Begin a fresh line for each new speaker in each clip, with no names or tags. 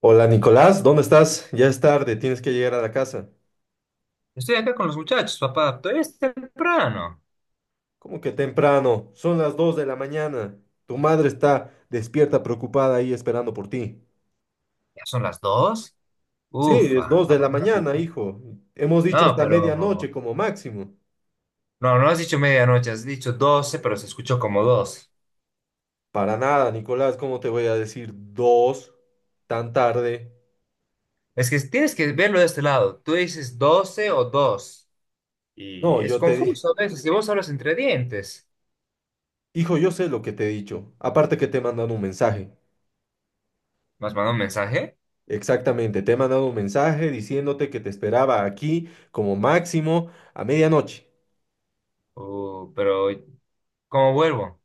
Hola Nicolás, ¿dónde estás? Ya es tarde, tienes que llegar a la casa.
Estoy acá con los muchachos, papá. Todavía es temprano.
¿Cómo que temprano? Son las 2 de la mañana. Tu madre está despierta, preocupada ahí esperando por ti.
Ya son las dos.
Sí, es
Ufa,
2 de
la
la
pasada
mañana,
perfecta.
hijo. Hemos dicho
No,
hasta
pero.
medianoche como máximo.
No, no has dicho medianoche, has dicho doce, pero se escuchó como dos.
Para nada, Nicolás, ¿cómo te voy a decir 2 tan tarde?
Es que tienes que verlo de este lado. Tú dices doce o dos. Y
No,
es
yo te di...
confuso a veces. Si vos hablas entre dientes.
Hijo, yo sé lo que te he dicho. Aparte que te he mandado un mensaje.
¿Me has mandado un mensaje?
Exactamente, te he mandado un mensaje diciéndote que te esperaba aquí como máximo a medianoche.
Pero. ¿Cómo vuelvo?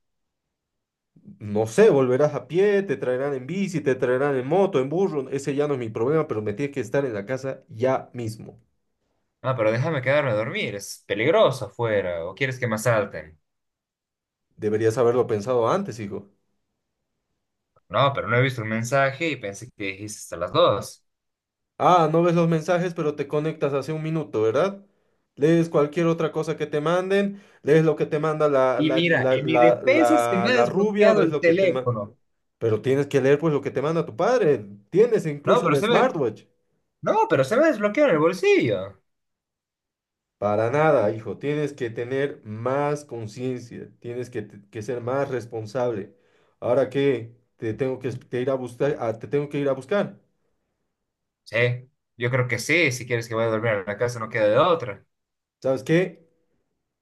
No sé, volverás a pie, te traerán en bici, te traerán en moto, en burro, ese ya no es mi problema, pero me tienes que estar en la casa ya mismo.
Ah, pero déjame quedarme a dormir. Es peligroso afuera. ¿O quieres que me asalten?
Deberías haberlo pensado antes, hijo.
No, pero no he visto el mensaje y pensé que dijiste hasta las dos.
Ah, no ves los mensajes, pero te conectas hace un minuto, ¿verdad? Lees cualquier otra cosa que te manden, lees lo que te manda la,
Y
la,
mira,
la,
en mi
la,
defensa se
la,
me ha
la rubia,
desbloqueado
ves
el
lo que te manda...
teléfono.
Pero tienes que leer pues lo que te manda tu padre. Tienes
No,
incluso
pero
el
se me,
smartwatch.
no, pero se me ha desbloqueado en el bolsillo.
Para nada, hijo. Tienes que tener más conciencia, que ser más responsable. Ahora que te tengo que te ir a buscar, ah, Te tengo que ir a buscar.
Sí, yo creo que sí, si quieres que vaya a dormir a la casa no queda de otra.
¿Sabes qué?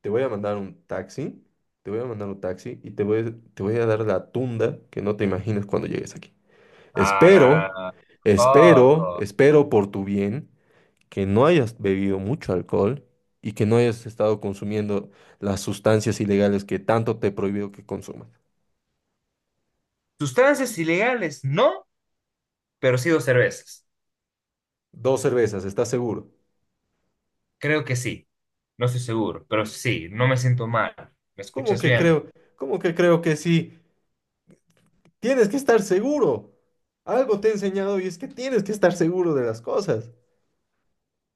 Te voy a mandar un taxi, Te voy a mandar un taxi y te voy a dar la tunda que no te imaginas cuando llegues aquí.
Ah, no,
Espero,
no, no. Ojo.
Espero por tu bien que no hayas bebido mucho alcohol y que no hayas estado consumiendo las sustancias ilegales que tanto te he prohibido que consumas.
Sustancias ilegales, no, pero sí dos cervezas.
Dos cervezas, ¿estás seguro?
Creo que sí. No estoy seguro, pero sí, no me siento mal. ¿Me
¿Cómo
escuchas
que
bien?
creo? ¿Cómo que creo que sí? Tienes que estar seguro. Algo te he enseñado y es que tienes que estar seguro de las cosas.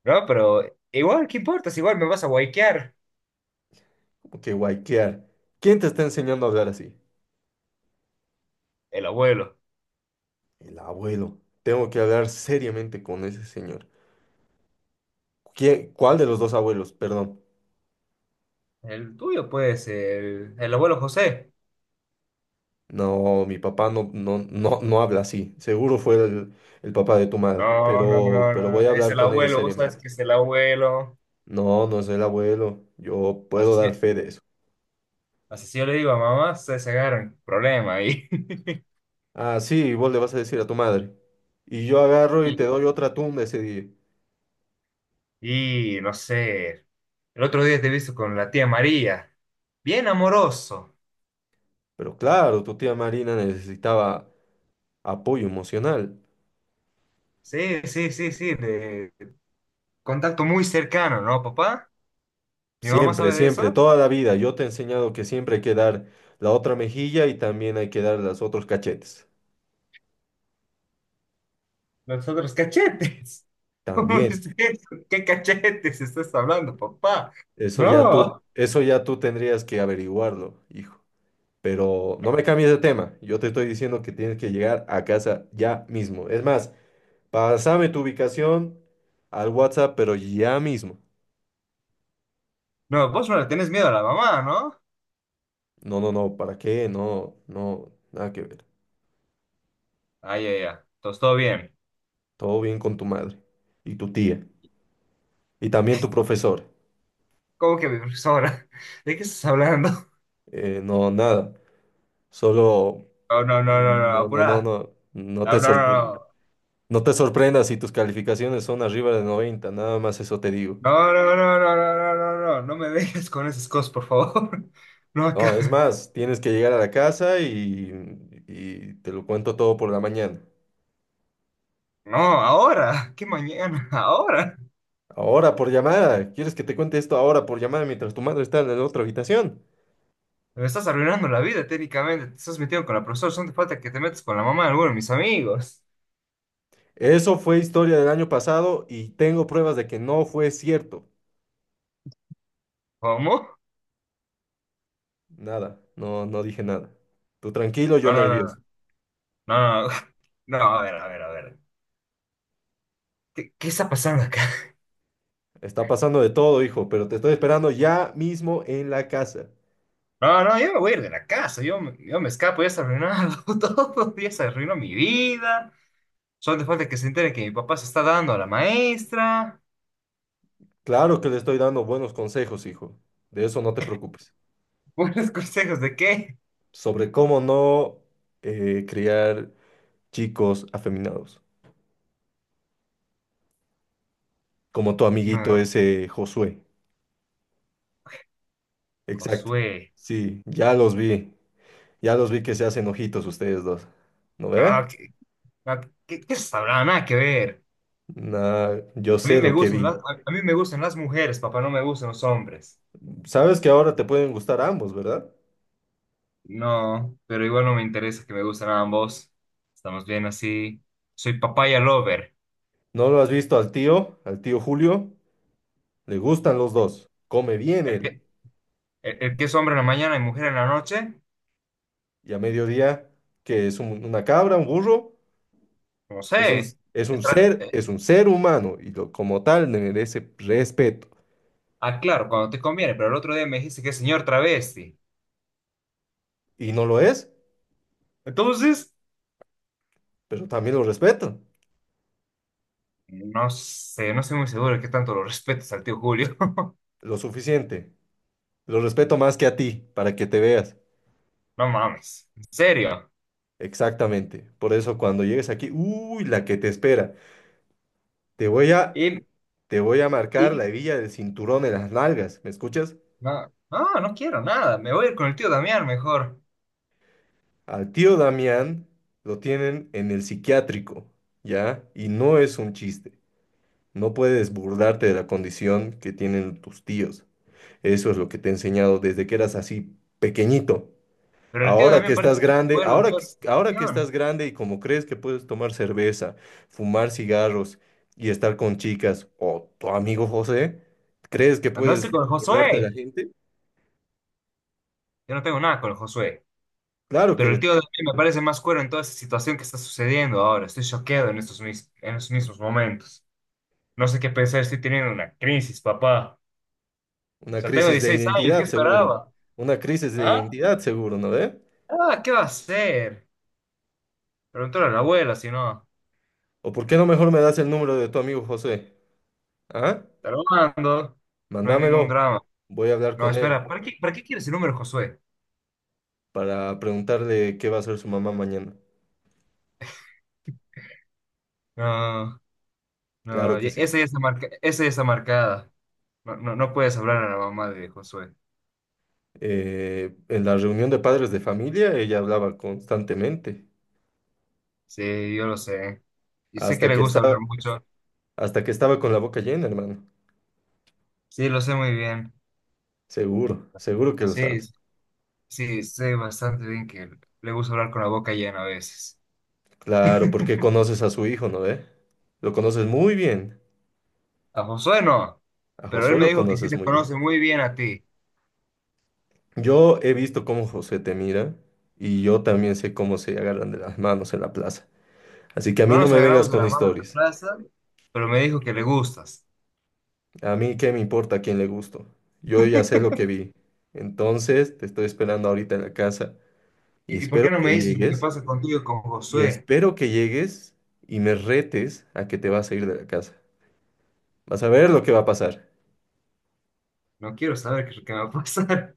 No, pero igual, ¿qué importa? Si igual me vas a guayquear.
¿Cómo que guayquear? ¿Quién te está enseñando a hablar así?
El abuelo.
El abuelo. Tengo que hablar seriamente con ese señor. ¿Quién- cuál de los dos abuelos? Perdón.
El tuyo, pues, el abuelo José.
No, mi papá no habla así. Seguro fue el papá de tu madre,
No, no, no, no,
pero voy
no.
a
Es
hablar
el
con él
abuelo, vos sabes
seriamente.
que es el abuelo.
No, no es el abuelo. Yo
Así,
puedo dar
sí-
fe de eso.
así sí yo le digo a mamá, se agarran problema ahí.
Ah, sí, vos le vas a decir a tu madre. Y yo agarro y te doy otra tumba ese día.
Y no sé, el otro día te he visto con la tía María, bien amoroso.
Pero claro, tu tía Marina necesitaba apoyo emocional.
Sí, sí, sí, sí, de contacto muy cercano, ¿no, papá? ¿Mi mamá
Siempre,
sabe de
siempre,
eso?
toda la vida. Yo te he enseñado que siempre hay que dar la otra mejilla y también hay que dar los otros cachetes.
Los otros cachetes. ¿Cómo
También.
es eso? ¿Qué cachetes estás hablando, papá? No,
Eso ya tú tendrías que averiguarlo, hijo. Pero no me cambies de tema. Yo te estoy diciendo que tienes que llegar a casa ya mismo. Es más, pásame tu ubicación al WhatsApp, pero ya mismo.
no, vos no le tenés miedo a la mamá, ¿no?
No, ¿Para qué? No, no, nada que ver.
Ay, ay, ay, entonces todo bien.
Todo bien con tu madre y tu tía y también tu profesor.
¿Cómo que mi profesora? ¿De qué estás hablando?
No, nada. Solo,
No, no, no, no, no,
no, no, no,
apura.
no, no te
No, no,
sorpre-
no,
No te sorprendas si tus calificaciones son arriba de 90, nada más eso te digo.
no, no, no, no, no, no, no, no, no, no me dejes con esas cosas, por favor. No
No, es
acá.
más, tienes que llegar a la casa y te lo cuento todo por la mañana.
No, ahora. ¿Qué mañana? Ahora.
Ahora por llamada. ¿Quieres que te cuente esto ahora por llamada mientras tu madre está en la otra habitación?
Me estás arruinando la vida técnicamente. Te estás metiendo con la profesora. Solo te falta que te metas con la mamá de alguno de mis amigos.
Eso fue historia del año pasado y tengo pruebas de que no fue cierto.
¿Cómo?
Nada, no dije nada. Tú tranquilo, yo
No, no, no, no,
nervioso.
no. No, no, no, a ver, a ver, a ver. ¿Qué está pasando acá?
Está pasando de todo, hijo, pero te estoy esperando ya mismo en la casa.
No, no, yo me voy a ir de la casa. Yo me escapo. Ya se ha arruinado todo. Ya se arruinó mi vida. Solo te falta que se entere que mi papá se está dando a la maestra.
Claro que le estoy dando buenos consejos, hijo. De eso no te preocupes.
¿Buenos consejos de qué?
Sobre cómo no criar chicos afeminados, como tu
No,
amiguito
no,
ese Josué. Exacto.
Josué.
Sí, ya los vi. Ya los vi que se hacen ojitos ustedes dos. ¿No ve?
No, no, qué se sabrá? Nada que ver.
Nah, yo
A mí
sé
me
lo que
gustan las,
vi.
a, a mí me gustan las mujeres, papá, no me gustan los hombres.
Sabes que ahora te pueden gustar ambos, ¿verdad?
No, pero igual no me interesa que me gusten ambos. Estamos bien así. Soy papaya lover.
¿No lo has visto al tío Julio? Le gustan los dos. Come bien
El
él.
que, el que es hombre en la mañana y mujer en la noche,
Y a mediodía, que es una cabra, un burro,
no
es un,
sé. Es tra- eh,
es un ser humano y como tal le merece respeto.
Ah, claro, cuando te conviene, pero el otro día me dijiste que es señor travesti.
Y no lo es,
Entonces.
pero también lo respeto.
No sé, no estoy muy seguro de qué tanto lo respetas al tío Julio.
Lo suficiente. Lo respeto más que a ti, para que te veas.
No mames, en serio.
Exactamente. Por eso cuando llegues aquí, uy, la que te espera. Te voy a
Y,
Te voy a marcar
y
la hebilla del cinturón en las nalgas, ¿me escuchas?
no, no, no quiero nada. Me voy a ir con el tío Damián mejor.
Al tío Damián lo tienen en el psiquiátrico, ¿ya? Y no es un chiste. No puedes burlarte de la condición que tienen tus tíos. Eso es lo que te he enseñado desde que eras así pequeñito.
Pero el tío Damián parece que no está de en toda esa
Ahora que estás
situación.
grande y como crees que puedes tomar cerveza, fumar cigarros y estar con chicas o tu amigo José, ¿crees que
A no
puedes
ser con el
burlarte de la
Josué.
gente?
Yo no tengo nada con el Josué.
Claro que
Pero el
lo
tío Damián me parece más cuero en toda esa situación que está sucediendo ahora. Estoy choqueado en esos mismos momentos. No sé qué pensar, estoy teniendo una crisis, papá. O
Una
sea, tengo
crisis de
16 años, ¿qué
identidad, seguro.
esperaba?
Una crisis de
¿Ah?
identidad, seguro, ¿no ve?
Ah, ¿qué va a ser? Pregúntale a la abuela, si no.
¿O por qué no mejor me das el número de tu amigo José? ¿Ah?
Te lo mando. No hay ningún
Mándamelo.
drama.
Voy a hablar
No,
con él
espera, ¿para qué quieres el número, Josué?
para preguntarle qué va a hacer su mamá mañana.
No,
Claro
no,
que
y-
sí.
esa ya está marca, esa ya está marcada. No, no, no puedes hablar a la mamá de Josué.
En la reunión de padres de familia, ella hablaba constantemente.
Sí, yo lo sé. Y sé que
Hasta
le
que
gusta hablar
estaba,
mucho.
Hasta que estaba con la boca llena, hermano.
Sí, lo sé muy bien.
Seguro, seguro que lo
Sí,
sabes.
sí, sé bastante bien que le gusta hablar con la boca llena a veces.
Claro, porque conoces a su hijo, ¿no ve? Lo conoces muy bien.
A Josué no,
A
pero él
Josué
me
lo
dijo que sí
conoces
te
muy bien.
conoce muy bien a ti.
Yo he visto cómo José te mira y yo también sé cómo se agarran de las manos en la plaza. Así que a
No
mí no
nos
me vengas
agarramos de
con
la mano en la
historias.
plaza, pero me dijo que le gustas.
A mí qué me importa a quién le gusto. Yo ya sé lo que vi. Entonces te estoy esperando ahorita en la casa y
¿Y por
espero
qué no
que
me dices lo que
llegues
pasa contigo y con
y
Josué?
espero que llegues y me retes a que te vas a ir de la casa. Vas a ver lo que va a pasar.
No quiero saber qué es lo que me va a pasar.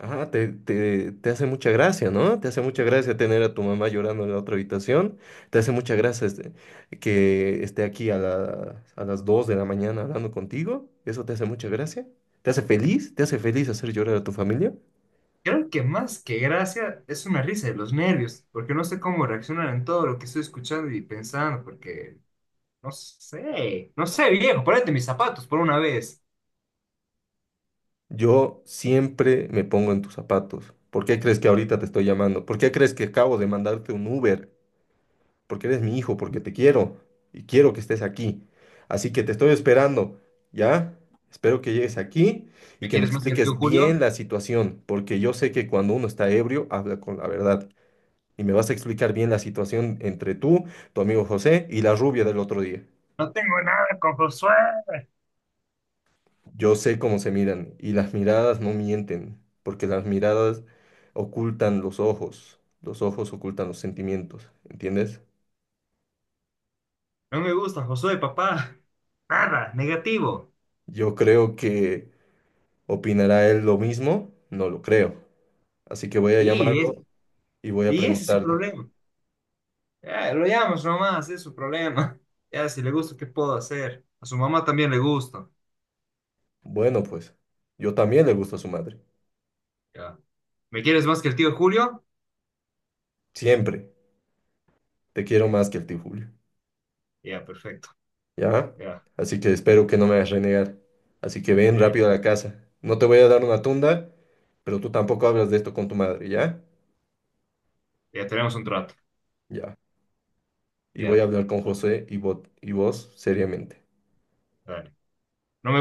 Ajá, te hace mucha gracia, ¿no? Te hace mucha gracia tener a tu mamá llorando en la otra habitación. Te hace mucha gracia este, Que esté aquí a las 2 de la mañana hablando contigo. Eso te hace mucha gracia. ¿Te hace feliz? ¿Te hace feliz hacer llorar a tu familia?
Creo que más que gracia es una risa de los nervios, porque no sé cómo reaccionar en todo lo que estoy escuchando y pensando, porque no sé, no sé, viejo, ponete mis zapatos por una vez.
Yo siempre me pongo en tus zapatos. ¿Por qué crees que ahorita te estoy llamando? ¿Por qué crees que acabo de mandarte un Uber? Porque eres mi hijo, porque te quiero y quiero que estés aquí. Así que te estoy esperando, ¿ya? Espero que llegues aquí y
¿Me
que me
quieres más que el tío
expliques bien
Julio?
la situación, porque yo sé que cuando uno está ebrio habla con la verdad. Y me vas a explicar bien la situación entre tú, tu amigo José y la rubia del otro día.
No tengo nada con Josué.
Yo sé cómo se miran y las miradas no mienten, porque las miradas ocultan los ojos ocultan los sentimientos, ¿entiendes?
No me gusta Josué, papá. Nada, negativo.
Yo creo que ¿Opinará él lo mismo? No lo creo. Así que voy a
Y,
llamarlo
es-
y voy a
y ese es su
preguntarle.
problema. Lo llamas nomás, es su problema. Ya, si le gusta, ¿qué puedo hacer? A su mamá también le gusta.
Bueno, pues, yo también le gusto a su madre.
Ya. ¿Me quieres más que el tío Julio?
Siempre. Te quiero más
Ya,
que el tío Julio.
ya, perfecto.
¿Ya?
Ya,
Así que espero que no me hagas renegar. Así que ven
ya,
rápido a la casa. No te voy a dar una tunda, pero tú tampoco hablas de esto con tu madre, ¿ya?
ya tenemos un trato.
Ya. Y voy a
Ya,
hablar con José y vos seriamente.
dale. No me